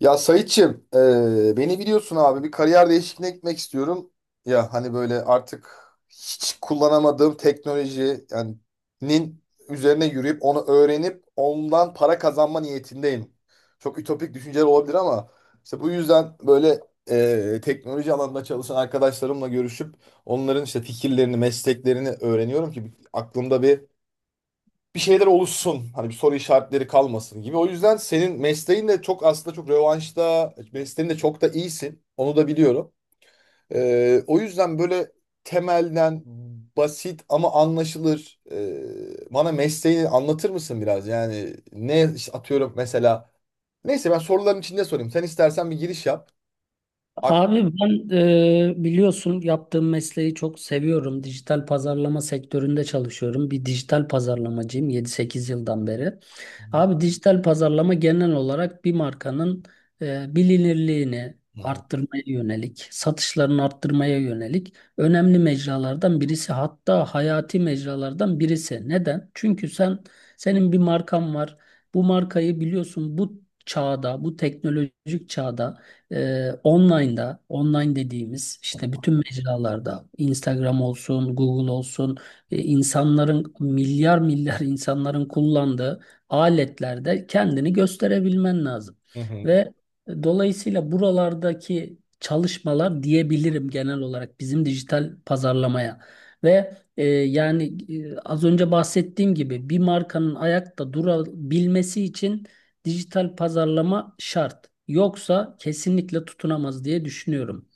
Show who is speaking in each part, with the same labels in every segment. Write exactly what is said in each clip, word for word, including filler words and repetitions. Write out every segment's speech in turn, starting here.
Speaker 1: Ya Sayitçim, eee, beni biliyorsun abi, bir kariyer değişikliğine gitmek istiyorum. Ya hani böyle artık hiç kullanamadığım teknoloji, yani nin üzerine yürüyüp onu öğrenip ondan para kazanma niyetindeyim. Çok ütopik düşünceler olabilir ama işte bu yüzden böyle eee, teknoloji alanında çalışan arkadaşlarımla görüşüp onların işte fikirlerini, mesleklerini öğreniyorum ki aklımda bir bir şeyler oluşsun. Hani bir soru işaretleri kalmasın gibi. O yüzden senin mesleğin de çok, aslında çok revanşta, mesleğin de çok da iyisin. Onu da biliyorum. Ee, o yüzden böyle temelden basit ama anlaşılır. E, bana mesleğini anlatır mısın biraz? Yani ne işte, atıyorum mesela. Neyse, ben soruların içinde sorayım. Sen istersen bir giriş yap. Ak-
Speaker 2: Abi ben e, biliyorsun yaptığım mesleği çok seviyorum. Dijital pazarlama sektöründe çalışıyorum. Bir dijital pazarlamacıyım yedi sekiz yıldan beri. Abi dijital pazarlama genel olarak bir markanın e, bilinirliğini
Speaker 1: Hı hı.
Speaker 2: arttırmaya yönelik, satışlarını arttırmaya yönelik önemli mecralardan birisi. Hatta hayati mecralardan birisi. Neden? Çünkü sen senin bir markan var. Bu markayı biliyorsun bu çağda, bu teknolojik çağda ee, online'da, online dediğimiz işte bütün mecralarda, Instagram olsun, Google olsun, e, insanların milyar milyar insanların kullandığı aletlerde kendini gösterebilmen lazım.
Speaker 1: Hı hı.
Speaker 2: Ve e, dolayısıyla buralardaki çalışmalar diyebilirim genel olarak bizim dijital pazarlamaya. Ve e, yani e, az önce bahsettiğim gibi bir markanın ayakta durabilmesi için dijital pazarlama şart. Yoksa kesinlikle tutunamaz diye düşünüyorum.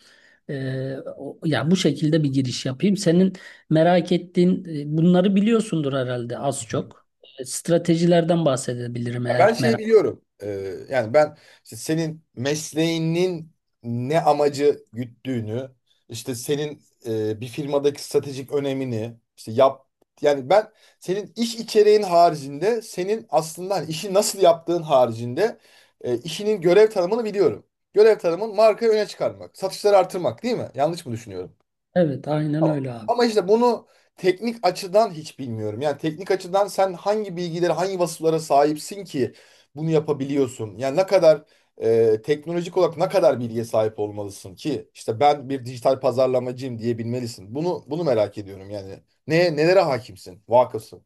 Speaker 2: Ee, o- ya bu şekilde bir giriş yapayım. Senin merak ettiğin e, bunları biliyorsundur herhalde az çok. E, Stratejilerden bahsedebilirim
Speaker 1: Ya ben
Speaker 2: eğer
Speaker 1: şey
Speaker 2: merak.
Speaker 1: biliyorum. Ee, yani ben işte senin mesleğinin ne amacı güttüğünü, işte senin e, bir firmadaki stratejik önemini, işte yap, yani ben senin iş içeriğin haricinde, senin aslında hani işi nasıl yaptığın haricinde e, işinin görev tanımını biliyorum. Görev tanımın markayı öne çıkarmak, satışları artırmak, değil mi? Yanlış mı düşünüyorum?
Speaker 2: Evet, aynen
Speaker 1: Tamam.
Speaker 2: öyle abi.
Speaker 1: Ama işte bunu teknik açıdan hiç bilmiyorum. Yani teknik açıdan sen hangi bilgilere, hangi vasıflara sahipsin ki bunu yapabiliyorsun? Yani ne kadar e, teknolojik olarak ne kadar bilgiye sahip olmalısın ki işte ben bir dijital pazarlamacıyım diyebilmelisin. Bunu bunu merak ediyorum yani. Ne nelere hakimsin, vakıfsın?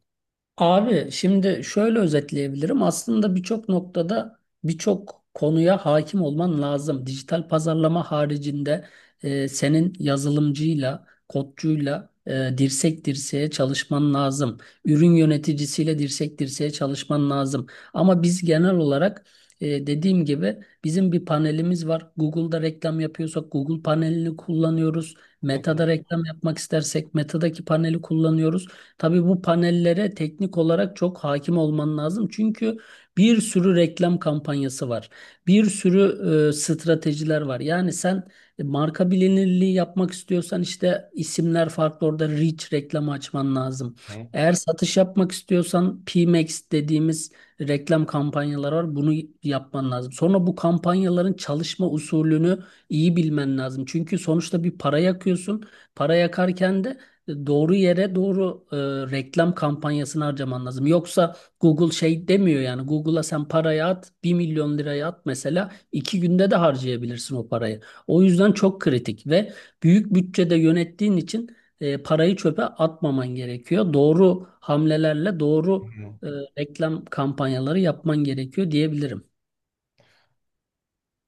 Speaker 2: Abi şimdi şöyle özetleyebilirim. Aslında birçok noktada birçok konuya hakim olman lazım. Dijital pazarlama haricinde e, senin yazılımcıyla, kodcuyla e, dirsek dirseğe çalışman lazım. Ürün yöneticisiyle dirsek dirseğe çalışman lazım. Ama biz genel olarak e, dediğim gibi bizim bir panelimiz var. Google'da reklam yapıyorsak Google panelini kullanıyoruz.
Speaker 1: Hı hı.
Speaker 2: Meta'da reklam yapmak istersek Meta'daki paneli kullanıyoruz. Tabii bu panellere teknik olarak çok hakim olman lazım. Çünkü bir sürü reklam kampanyası var. Bir sürü e, stratejiler var. Yani sen e, marka bilinirliği yapmak istiyorsan işte isimler farklı orada reach reklamı açman lazım.
Speaker 1: Hı
Speaker 2: Eğer satış yapmak istiyorsan PMax dediğimiz reklam kampanyalar var. Bunu yapman lazım. Sonra bu kampanyaların çalışma usulünü iyi bilmen lazım. Çünkü sonuçta bir para yakıyorsun. Para yakarken de doğru yere doğru e, reklam kampanyasını harcaman lazım. Yoksa Google şey demiyor, yani Google'a sen parayı at, bir milyon liraya at mesela, iki günde de harcayabilirsin o parayı. O yüzden çok kritik ve büyük bütçede yönettiğin için e, parayı çöpe atmaman gerekiyor. Doğru hamlelerle doğru
Speaker 1: hı.
Speaker 2: e, reklam kampanyaları yapman gerekiyor diyebilirim.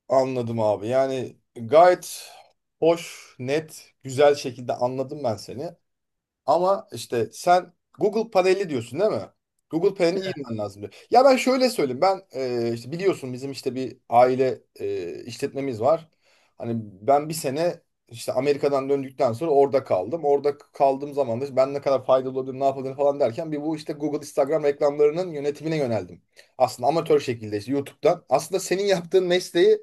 Speaker 1: Anladım abi. Yani gayet hoş, net, güzel şekilde anladım ben seni. Ama işte sen Google paneli diyorsun, değil mi? Google panelini iyi bilmen lazım diyor. Ya ben şöyle söyleyeyim. Ben e, işte biliyorsun, bizim işte bir aile e, işletmemiz var. Hani ben bir sene işte Amerika'dan döndükten sonra orada kaldım. Orada kaldığım zaman da işte ben ne kadar faydalı olabilirim, ne yapabilirim falan derken bir, bu işte Google, Instagram reklamlarının yönetimine yöneldim. Aslında amatör şekilde işte YouTube'dan. Aslında senin yaptığın mesleği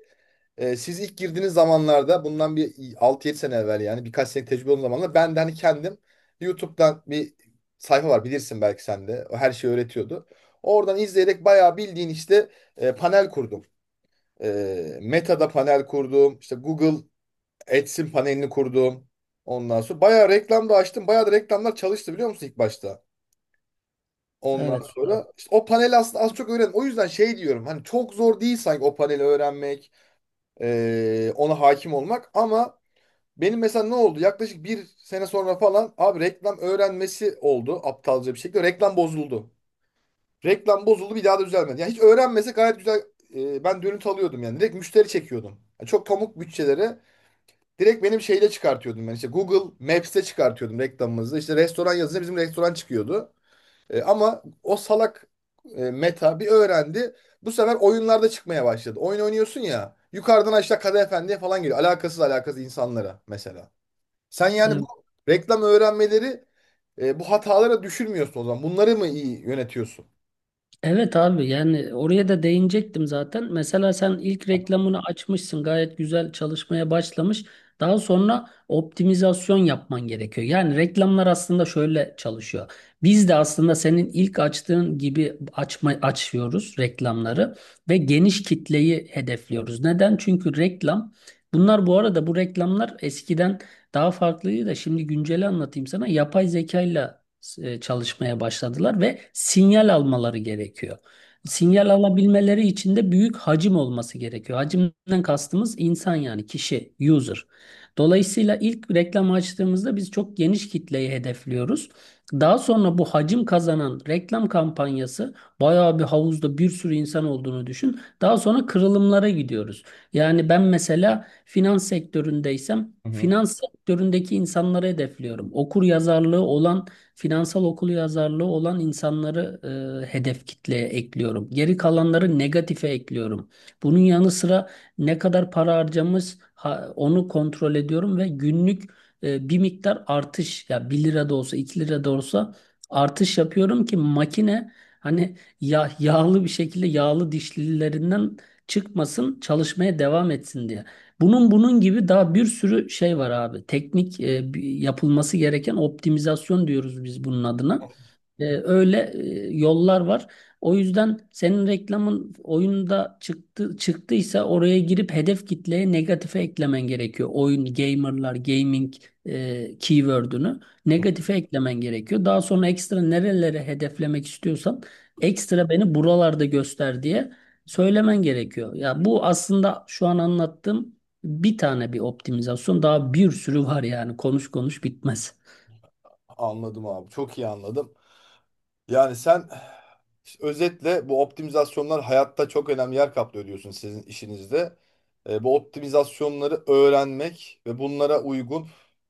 Speaker 1: ee, siz ilk girdiğiniz zamanlarda, bundan bir altı yedi sene evvel, yani birkaç sene tecrübe olan zamanlarda, ben de hani kendim YouTube'dan bir sayfa var, bilirsin belki sen de. O her şeyi öğretiyordu. Oradan izleyerek bayağı bildiğin işte e, panel kurdum. E, Meta'da panel kurdum. İşte Google Ads'in panelini kurdum. Ondan sonra bayağı reklam da açtım. Bayağı da reklamlar çalıştı, biliyor musun ilk başta? Ondan
Speaker 2: Evet.
Speaker 1: sonra işte o paneli aslında az çok öğrendim. O yüzden şey diyorum, hani çok zor değil sanki o paneli öğrenmek, e, ona hakim olmak, ama benim mesela ne oldu? Yaklaşık bir sene sonra falan abi, reklam öğrenmesi oldu aptalca bir şekilde. Reklam bozuldu. Reklam bozuldu, bir daha da düzelmedi. Yani hiç öğrenmese gayet güzel e, ben dönüt alıyordum yani. Direkt müşteri çekiyordum. Yani çok pamuk bütçelere direkt benim şeyle çıkartıyordum ben. İşte Google Maps'te çıkartıyordum reklamımızı. İşte restoran yazınca bizim restoran çıkıyordu. E, ama o salak e, Meta bir öğrendi. Bu sefer oyunlarda çıkmaya başladı. Oyun oynuyorsun ya. Yukarıdan aşağı Kadı Efendi'ye falan geliyor. Alakasız alakasız insanlara mesela. Sen yani bu
Speaker 2: Evet.
Speaker 1: reklam öğrenmeleri, e, bu hatalara düşürmüyorsun o zaman. Bunları mı iyi yönetiyorsun?
Speaker 2: Evet abi, yani oraya da değinecektim zaten. Mesela sen ilk reklamını açmışsın, gayet güzel çalışmaya başlamış. Daha sonra optimizasyon yapman gerekiyor. Yani reklamlar aslında şöyle çalışıyor. Biz de aslında senin ilk açtığın gibi açma, açıyoruz reklamları ve geniş kitleyi hedefliyoruz. Neden? Çünkü reklam, bunlar bu arada bu reklamlar eskiden daha farklıydı da şimdi günceli anlatayım sana. Yapay zekayla e, çalışmaya başladılar ve sinyal almaları gerekiyor. Sinyal alabilmeleri için de büyük hacim olması gerekiyor. Hacimden kastımız insan, yani kişi, user. Dolayısıyla ilk reklam açtığımızda biz çok geniş kitleyi hedefliyoruz. Daha sonra bu hacim kazanan reklam kampanyası, bayağı bir havuzda bir sürü insan olduğunu düşün. Daha sonra kırılımlara gidiyoruz. Yani ben mesela finans sektöründeysem
Speaker 1: Hı hı.
Speaker 2: finans sektöründeki insanları hedefliyorum. Okur yazarlığı olan, finansal okuryazarlığı olan insanları e, hedef kitleye ekliyorum. Geri kalanları negatife ekliyorum. Bunun yanı sıra ne kadar para harcamız ha- onu kontrol ediyorum ve günlük e, bir miktar artış, ya bir lira da olsa iki lira da olsa artış yapıyorum ki makine, hani ya yağlı bir şekilde yağlı dişlilerinden çıkmasın, çalışmaya devam etsin diye. Bunun bunun gibi daha bir sürü şey var abi. Teknik e, bir- yapılması gereken optimizasyon diyoruz biz bunun adına. E, öyle e, yollar var. O yüzden senin reklamın oyunda çıktı çıktıysa oraya girip hedef kitleye negatife eklemen gerekiyor. Oyun, gamerlar, gaming e, keyword'ünü negatife eklemen gerekiyor. Daha sonra ekstra nerelere hedeflemek istiyorsan, ekstra beni buralarda göster diye söylemen gerekiyor. Ya bu aslında şu an anlattığım bir tane bir optimizasyon, daha bir sürü var yani, konuş konuş bitmez.
Speaker 1: Anladım abi. Çok iyi anladım. Yani sen işte özetle bu optimizasyonlar hayatta çok önemli yer kaplıyor diyorsun sizin işinizde. E, bu optimizasyonları öğrenmek ve bunlara uygun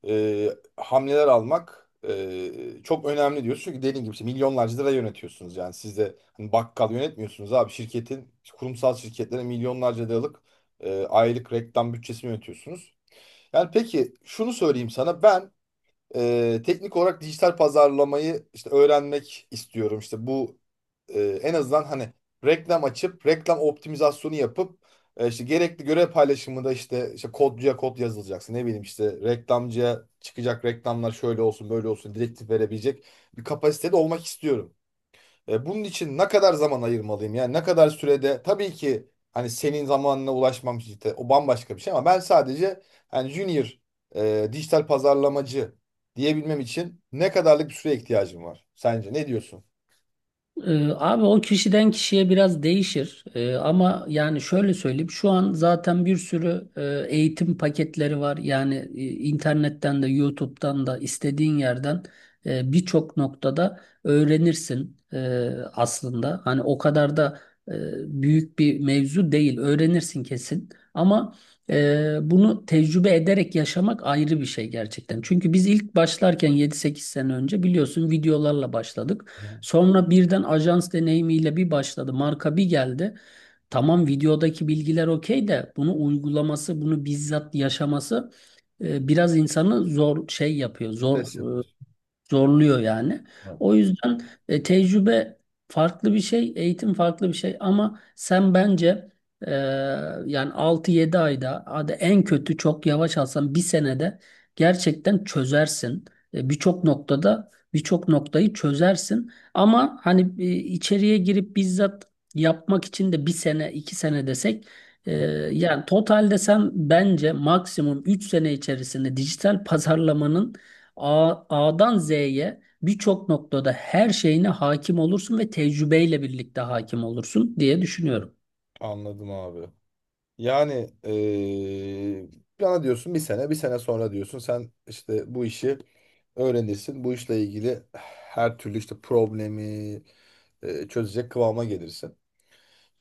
Speaker 1: e, hamleler almak e, çok önemli diyorsun. Çünkü dediğin gibi işte milyonlarca lira yönetiyorsunuz. Yani siz de hani bakkal yönetmiyorsunuz abi. Şirketin, kurumsal şirketlere milyonlarca liralık e, aylık reklam bütçesini yönetiyorsunuz. Yani peki şunu söyleyeyim sana ben, ee, teknik olarak dijital pazarlamayı işte öğrenmek istiyorum. İşte bu e, en azından hani reklam açıp reklam optimizasyonu yapıp e, işte gerekli görev paylaşımında işte işte kodcuya kod yazılacaksın. Ne bileyim, işte reklamcıya çıkacak reklamlar şöyle olsun, böyle olsun direktif verebilecek bir kapasitede olmak istiyorum. E, bunun için ne kadar zaman ayırmalıyım? Yani ne kadar sürede? Tabii ki hani senin zamanına ulaşmam işte o bambaşka bir şey, ama ben sadece hani junior e, dijital pazarlamacı diyebilmem için ne kadarlık bir süreye ihtiyacım var? Sence ne diyorsun?
Speaker 2: Ee, abi, o kişiden kişiye biraz değişir. Ee, ama yani şöyle söyleyeyim, şu an zaten bir sürü e, eğitim paketleri var. Yani e, internetten de YouTube'dan da istediğin yerden e, birçok noktada öğrenirsin e, aslında. Hani o kadar da e, büyük bir mevzu değil. Öğrenirsin kesin. Ama e, bunu tecrübe ederek yaşamak ayrı bir şey gerçekten. Çünkü biz ilk başlarken yedi sekiz sene önce biliyorsun videolarla başladık. Sonra birden ajans deneyimiyle bir başladı. Marka bir geldi. Tamam, videodaki bilgiler okey de bunu uygulaması, bunu bizzat yaşaması e, biraz insanı zor şey yapıyor. Zor
Speaker 1: Deseler.
Speaker 2: zorluyor yani. O yüzden e, tecrübe farklı bir şey, eğitim farklı bir şey ama sen bence e, yani altı yedi ayda, hadi en kötü çok yavaş alsan bir senede gerçekten çözersin. E, birçok noktada birçok noktayı çözersin ama hani e, içeriye girip bizzat yapmak için de bir sene iki sene desek, e, yani totalde sen bence maksimum üç sene içerisinde dijital pazarlamanın A- A'dan Z'ye birçok noktada her şeyine hakim olursun ve tecrübeyle birlikte hakim olursun diye düşünüyorum.
Speaker 1: Anladım abi. Yani eee bana diyorsun bir sene, bir sene sonra diyorsun sen işte bu işi öğrenirsin. Bu işle ilgili her türlü işte problemi eee, çözecek kıvama gelirsin.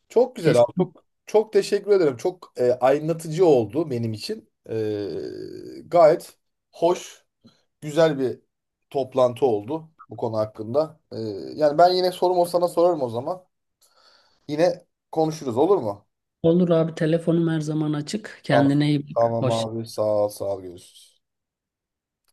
Speaker 1: Çok güzel abi.
Speaker 2: Kesin
Speaker 1: Çok çok teşekkür ederim. Çok e, aydınlatıcı oldu benim için. E, gayet hoş, güzel bir toplantı oldu bu konu hakkında. E, yani ben yine sorum o, sana sorarım o zaman. Yine konuşuruz, olur mu?
Speaker 2: olur abi, telefonum her zaman açık.
Speaker 1: Tamam.
Speaker 2: Kendine iyi bak.
Speaker 1: Tamam
Speaker 2: Hoşça
Speaker 1: abi. Sağ ol, sağ ol. Görüşürüz.